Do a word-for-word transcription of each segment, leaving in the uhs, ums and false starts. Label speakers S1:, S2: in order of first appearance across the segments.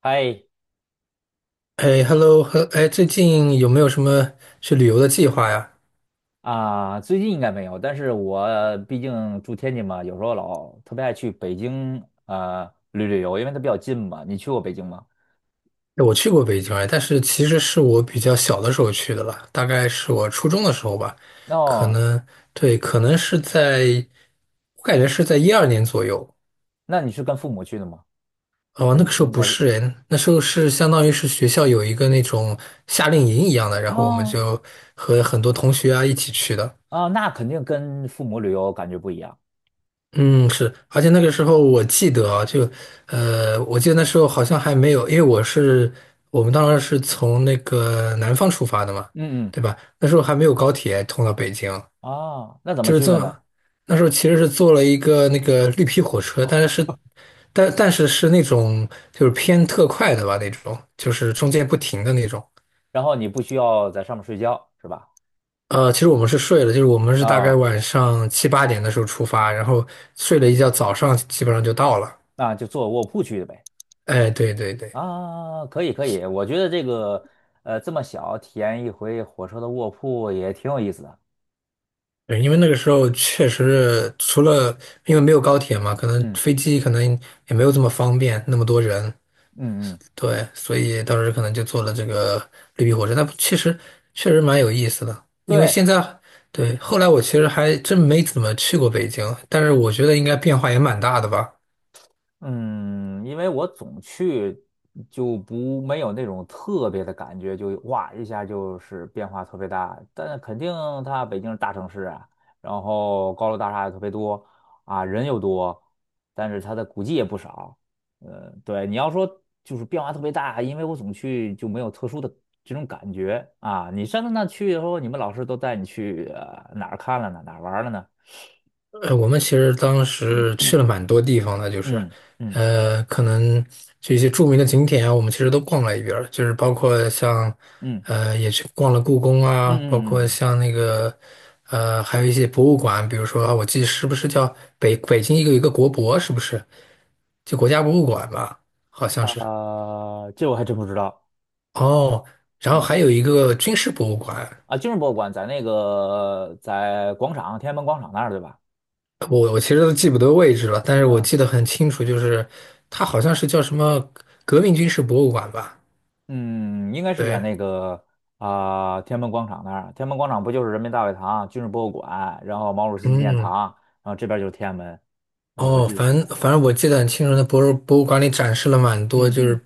S1: 嗨
S2: 哎，hello，呵哎，最近有没有什么去旅游的计划呀？
S1: 啊，最近应该没有，但是我毕竟住天津嘛，有时候老特别爱去北京呃旅旅游，因为它比较近嘛。你去过北京吗？
S2: 哎，我去过北京哎，但是其实是我比较小的时候去的了，大概是我初中的时候吧，可
S1: 哦，
S2: 能对，可能是在，我感觉是在一二年左右。
S1: 那你是跟父母去的吗？
S2: 哦，那
S1: 肯
S2: 个时候
S1: 应
S2: 不
S1: 该是。
S2: 是哎，那时候是相当于是学校有一个那种夏令营一样的，然后我们
S1: 哦
S2: 就和很多同学啊一起去的。
S1: 啊，那肯定跟父母旅游感觉不一样。
S2: 嗯，是，而且那个时候我记得啊，就，呃，我记得那时候好像还没有，因为我是我们当时是从那个南方出发的嘛，
S1: 嗯嗯
S2: 对吧？那时候还没有高铁通到北京，
S1: 哦，那怎么
S2: 就是
S1: 去
S2: 这
S1: 的呢？
S2: 么，那时候其实是坐了一个那个绿皮火车，但是但但是是那种就是偏特快的吧，那种就是中间不停的那种。
S1: 然后你不需要在上面睡觉是吧？
S2: 呃，其实我们是睡了，就是我们是大概
S1: 啊，
S2: 晚上七八点的时候出发，然后睡了一觉，早上基本上就到了。
S1: 那就坐卧铺去的呗。
S2: 哎，对对对。
S1: 啊，可以可以，我觉得这个呃这么小体验一回火车的卧铺也挺有意思的。
S2: 对，因为那个时候确实除了因为没有高铁嘛，可能
S1: 嗯
S2: 飞机可能也没有这么方便，那么多人，
S1: 嗯嗯，
S2: 对，所以当时可能就坐了这个绿皮火车，那确实确实蛮有意思的。因为
S1: 对，
S2: 现在对，后来我其实还真没怎么去过北京，但是我觉得应该变化也蛮大的吧。
S1: 嗯，因为我总去就不没有那种特别的感觉，就哇一下就是变化特别大。但肯定它北京是大城市啊，然后高楼大厦也特别多啊，人又多，但是它的古迹也不少。呃，对，你要说就是变化特别大，因为我总去就没有特殊的这种感觉啊。你上次那去以后，你们老师都带你去呃哪儿看了呢？哪儿玩儿了呢？
S2: 呃，我们其实当时去了蛮多地方的，就是，
S1: 嗯嗯
S2: 呃，可能就一些著名的景点啊，我们其实都逛了一遍儿就是包括像，
S1: 嗯。
S2: 呃，也去逛了故宫
S1: 嗯
S2: 啊，包
S1: 嗯
S2: 括
S1: 嗯，
S2: 像那个，呃，还有一些博物馆，比如说啊我记得是不是叫北北京一个有一个国博，是不是？就国家博物馆吧，好像是。
S1: 嗯啊、这我还真不知道。
S2: 哦，然后
S1: 嗯
S2: 还有一个军事博物馆，
S1: 啊，军事博物馆在那个在广场天安门广场那儿对吧？
S2: 我我其实都记不得位置了，但是我
S1: 嗯
S2: 记得很清楚，就是它好像是叫什么革命军事博物馆吧？
S1: 嗯，应该是在
S2: 对，
S1: 那个啊、天安门广场那儿。天安门广场不就是人民大会堂、军事博物馆，然后毛主席纪念
S2: 嗯，
S1: 堂，然后这边就是天安门。呃，我
S2: 哦，
S1: 记得
S2: 反
S1: 是这
S2: 正
S1: 样。
S2: 反正我记得很清楚，那博物博物馆里展示了蛮多，
S1: 嗯
S2: 就是
S1: 嗯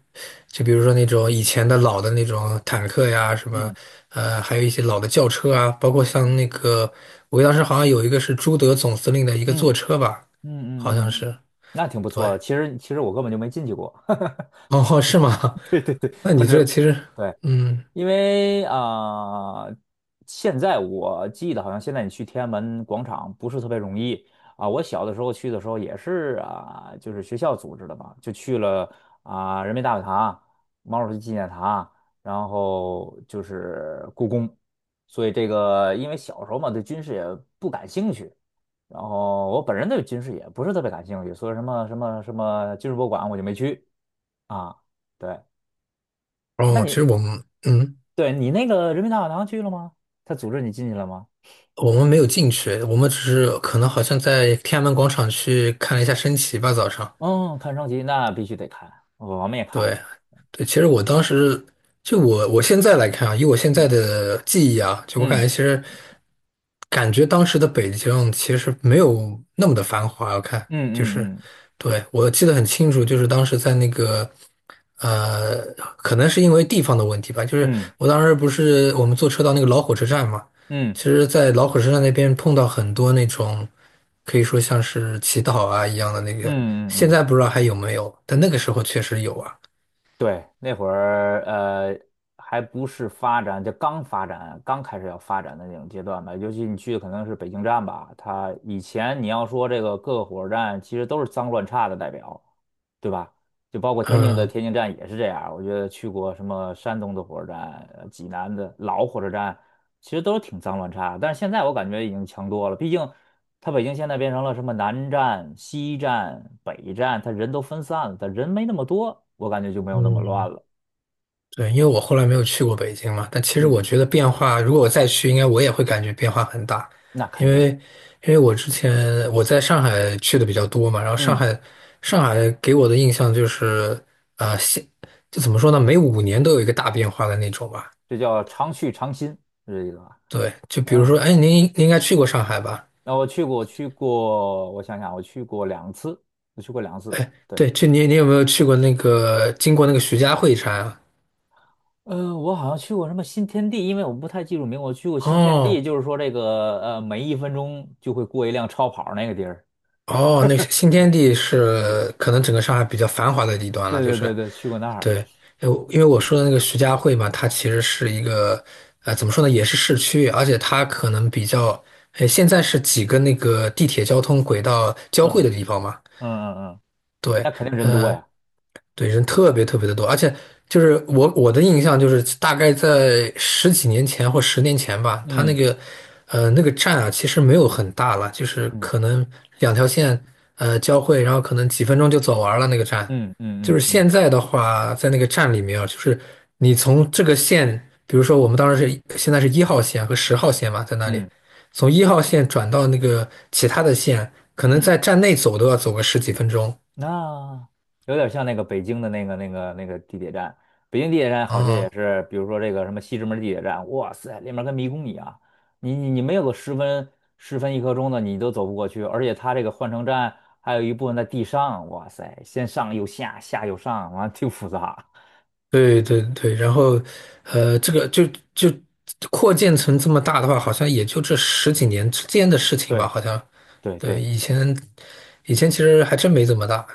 S2: 就比如说那种以前的老的那种坦克呀，什么
S1: 嗯
S2: 呃，还有一些老的轿车啊，包括像
S1: 嗯
S2: 那个我当时好像有一个是朱德总司令的一个
S1: 嗯
S2: 坐
S1: 嗯
S2: 车吧，好像
S1: 嗯嗯嗯，嗯
S2: 是，
S1: 那挺不错
S2: 对，
S1: 的。其实其实我根本就没进去过。
S2: 哦，是吗？
S1: 对 对对，
S2: 那
S1: 我
S2: 你
S1: 只
S2: 这其实，
S1: 对。
S2: 嗯，
S1: 因为啊、呃现在我记得好像现在你去天安门广场不是特别容易啊。我小的时候去的时候也是啊，就是学校组织的嘛，就去了啊、人民大会堂、毛主席纪念堂，然后就是故宫。所以这个，因为小时候嘛对军事也不感兴趣，然后我本人对军事也不是特别感兴趣，所以什么什么什么军事博物馆我就没去啊。对，那
S2: 哦，其
S1: 你
S2: 实我们，嗯。
S1: 对你那个人民大会堂去了吗？他组织你进去了吗？
S2: 我们没有进去，我们只是可能好像在天安门广场去看了一下升旗吧，早上。
S1: 嗯，看升旗那必须得看，我们也看了。
S2: 对，对，其实我当时就我我现在来看啊，以我现在
S1: 嗯
S2: 的记忆啊，就我感
S1: 嗯
S2: 觉其实感觉当时的北京其实没有那么的繁华。我看就是，
S1: 嗯嗯
S2: 对，我记得很清楚，就是当时在那个呃，可能是因为地方的问题吧，就是
S1: 嗯
S2: 我当时不是我们坐车到那个老火车站嘛，
S1: 嗯嗯
S2: 其实，在老火车站那边碰到很多那种可以说像是乞讨啊一样的那
S1: 嗯
S2: 个，
S1: 嗯嗯
S2: 现
S1: 嗯。嗯
S2: 在不知道还有没有，但那个时候确实有啊。
S1: 对，那会儿呃还不是发展，就刚发展，刚开始要发展的那种阶段吧。尤其你去的可能是北京站吧，它以前你要说这个各个火车站其实都是脏乱差的代表，对吧？就包括天津的
S2: 嗯
S1: 天津站也是这样。我觉得去过什么山东的火车站、呃济南的老火车站，其实都是挺脏乱差的。但是现在我感觉已经强多了，毕竟。他北京现在变成了什么南站、西站、北站，他人都分散了，它人没那么多，我感觉就没有那么乱
S2: 嗯，
S1: 了。
S2: 对，因为我后来没有去过北京嘛，但其实
S1: 嗯，
S2: 我觉得变化，如果我再去，应该我也会感觉变化很大，
S1: 那
S2: 因
S1: 肯定，
S2: 为因为我之前我在上海去的比较多嘛，然后上
S1: 嗯，
S2: 海上海给我的印象就是，啊，现就怎么说呢，每五年都有一个大变化的那种吧。
S1: 这叫常去常新，是这意思吧？
S2: 对，就比如
S1: 嗯，
S2: 说，哎，您您应该去过上海吧？
S1: 那我去过，我去过，我想想，我去过两次，我去过两次。
S2: 哎，
S1: 对，
S2: 对，就你你有没有去过那个经过那个徐家汇站啊？
S1: 嗯，我好像去过什么新天地，因为我不太记住名，我去过新天地，
S2: 哦，
S1: 就是说这个呃，每一分钟就会过一辆超跑那个地儿。
S2: 哦，那是新天地是可能整个上海比较繁华的地段了，
S1: 对
S2: 就
S1: 对
S2: 是
S1: 对对，去过那儿。
S2: 对，呃因为我说的那个徐家汇嘛，它其实是一个呃怎么说呢，也是市区，而且它可能比较，呃，现在是几个那个地铁交通轨道交汇
S1: 嗯
S2: 的地方嘛，
S1: 嗯嗯嗯，
S2: 对，
S1: 那肯定人多
S2: 呃，
S1: 呀。
S2: 对，人特别特别的多，而且就是我我的印象就是大概在十几年前或十年前吧，它那
S1: 嗯。
S2: 个呃那个站啊，其实没有很大了，就是可
S1: 嗯
S2: 能两条线呃交汇，然后可能几分钟就走完了那个站。
S1: 嗯
S2: 就是
S1: 嗯嗯嗯
S2: 现在的话，在那个站里面啊，就是你从这个线，比如说我们当时是现在是一号线和十号线嘛，在那里
S1: 嗯
S2: 从一号线转到那个其他的线，可能
S1: 嗯，
S2: 在站内走都要走个十几分钟。
S1: 那有点像那个北京的那个那个那个地铁站，北京地铁站好些
S2: 嗯
S1: 也是，比如说这个什么西直门地铁站，哇塞，里面跟迷宫一样，你你你没有个十分十分一刻钟的你都走不过去，而且它这个换乘站还有一部分在地上，哇塞，先上又下，下又上，完了挺复杂。
S2: 对对对，然后，呃，这个就就扩建成这么大的话，好像也就这十几年之间的事情吧，
S1: 对
S2: 好像。
S1: 对对。
S2: 对，以前以前其实还真没这么大。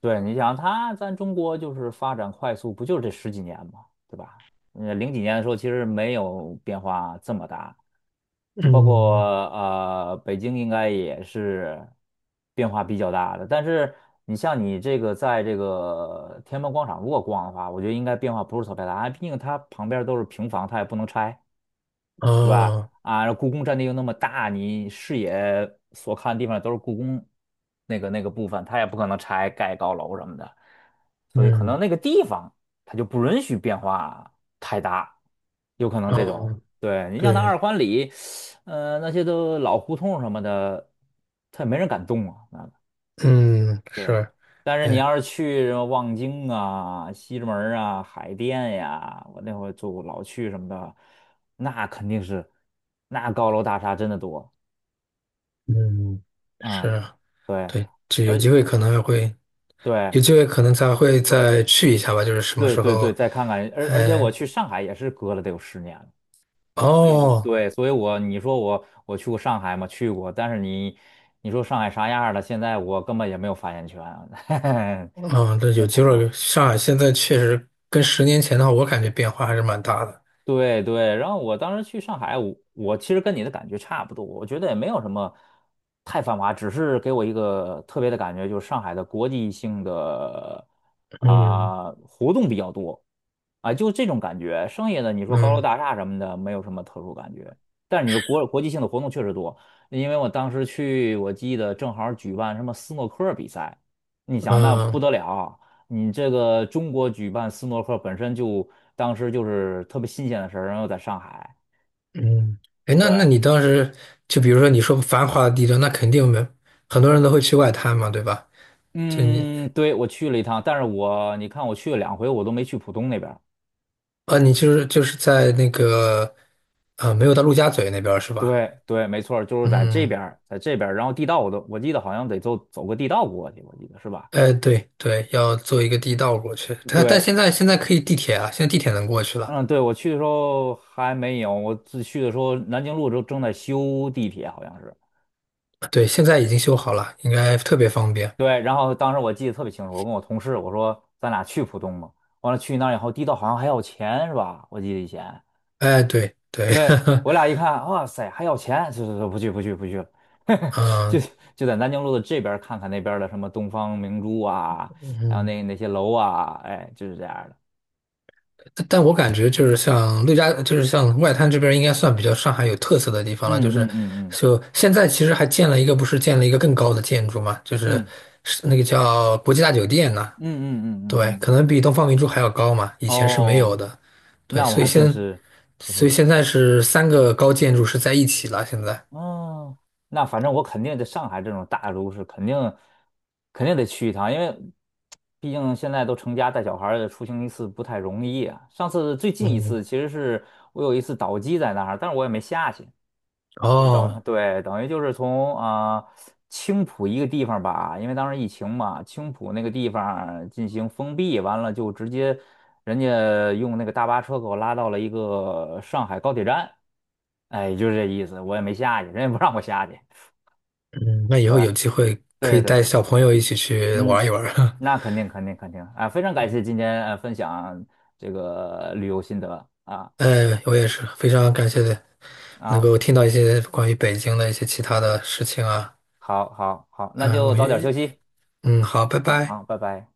S1: 对，你想它，咱中国就是发展快速，不就是这十几年嘛，对吧？呃，零几年的时候其实没有变化这么大，就包括
S2: 嗯，
S1: 呃北京应该也是变化比较大的。但是你像你这个在这个天安门广场如果逛的话，我觉得应该变化不是特别大，毕竟它旁边都是平房，它也不能拆。对吧？
S2: 哦，
S1: 啊，然后故宫占地又那么大，你视野所看的地方都是故宫那个那个部分，它也不可能拆盖高楼什么的，所以可能
S2: 嗯，
S1: 那个地方它就不允许变化太大，有可能这种。
S2: 哦，
S1: 对，你像那
S2: 对，
S1: 二环里，呃，那些都老胡同什么的，它也没人敢动啊，
S2: 嗯，
S1: 对，
S2: 是，
S1: 但是你
S2: 哎，
S1: 要是去什么望京啊、西直门儿啊、海淀呀，我那会儿住老去什么的，那肯定是，那高楼大厦真的多
S2: 嗯，是
S1: 啊、
S2: 啊
S1: 对，
S2: 对，就有
S1: 而
S2: 机会可能还会，有
S1: 对
S2: 机会可能才会再去一下吧，就是什么
S1: 对
S2: 时
S1: 对对，
S2: 候，
S1: 再看看，而而且我
S2: 哎，
S1: 去上海也是隔了得有十年了，所以我
S2: 哦。
S1: 对，所以我你说我我去过上海吗？去过，但是你你说上海啥样儿了？现在我根本也没有发言权。
S2: 嗯，对，有机会。上海现在确实跟十年前的话，我感觉变化还是蛮大的。
S1: 对对，然后我当时去上海，我我其实跟你的感觉差不多，我觉得也没有什么太繁华，只是给我一个特别的感觉，就是上海的国际性的
S2: 嗯
S1: 啊、活动比较多啊，就这种感觉。剩下的你说高楼
S2: 嗯
S1: 大厦什么的，没有什么特殊感觉。但是你说国国际性的活动确实多，因为我当时去，我记得正好举办什么斯诺克比赛，你想那不
S2: 嗯
S1: 得了，你这个中国举办斯诺克本身就当时就是特别新鲜的事儿，然后在上海。
S2: 嗯，哎，那
S1: 对，
S2: 那你当时就比如说你说繁华的地段，那肯定没很多人都会去外滩嘛，对吧？就你
S1: 嗯，对，我去了一趟，但是我你看我去了两回，我都没去浦东那边儿。
S2: 啊，你就是就是在那个啊，没有到陆家嘴那边儿是吧？
S1: 对对，没错儿就是在这
S2: 嗯，
S1: 边儿在这边儿然后地道我都我记得好像得走走个地道过去，我记得是吧？
S2: 哎，对对，要坐一个地道过去。但但
S1: 对，
S2: 现在现在可以地铁啊，现在地铁能过去了。
S1: 嗯，对，我去的时候还没有，我自去的时候南京路都正在修地铁，好像是。
S2: 对，现在已经修好了，应该特别方便。
S1: 对，然后当时我记得特别清楚，我跟我同事我说咱俩去浦东嘛，完了去那儿以后，地道好像还要钱是吧？我记得以前，
S2: 哎，对对，
S1: 对，我 俩一看，哇塞，还要钱，就就就不去不去不去了。就
S2: 嗯
S1: 就在南京路的这边儿看看那边儿的什么东方明珠啊，还有
S2: 嗯，
S1: 那那些楼啊，哎，就是这样儿的。
S2: 但但我感觉就是像陆家，就是像外滩这边，应该算比较上海有特色的地方了。就是
S1: 嗯嗯嗯
S2: 就现在其实还建了一个，不是建了一个更高的建筑嘛，就
S1: 嗯
S2: 是
S1: 嗯
S2: 是那个叫国际大酒店呢。
S1: 嗯嗯嗯嗯嗯，
S2: 对，
S1: 嗯
S2: 可能比东方明珠还要高嘛，以前是没有
S1: 哦，
S2: 的。对，
S1: 那我
S2: 所以
S1: 还真
S2: 现
S1: 是真
S2: 所以
S1: 是
S2: 现在是三个高建筑是在一起了。现在，
S1: 哦，那反正我肯定在上海这种大都市，肯定肯定得去一趟，因为毕竟现在都成家带小孩儿了出行一次不太容易啊。上次最近一
S2: 嗯，
S1: 次其实是我有一次倒机在那儿，但是我也没下去，就等
S2: 哦，
S1: 对，等于就是从啊、呃青浦一个地方吧，因为当时疫情嘛，青浦那个地方进行封闭，完了就直接人家用那个大巴车给我拉到了一个上海高铁站，哎，就是这意思，我也没下去，人也不让我下去。
S2: 嗯，那以后
S1: 对，
S2: 有机会可
S1: 对
S2: 以
S1: 对
S2: 带
S1: 对，
S2: 小朋友一起去
S1: 嗯，
S2: 玩一玩。
S1: 那肯定肯定肯定啊，非常感谢今天呃分享这个旅游心得啊。
S2: 呃，我也是非常感谢能
S1: 啊，
S2: 够听到一些关于北京的一些其他的事情啊。
S1: 好好好，那
S2: 嗯、
S1: 就
S2: 我
S1: 早点休
S2: 也，
S1: 息
S2: 嗯，好，拜
S1: 啊
S2: 拜。
S1: 啊，拜拜。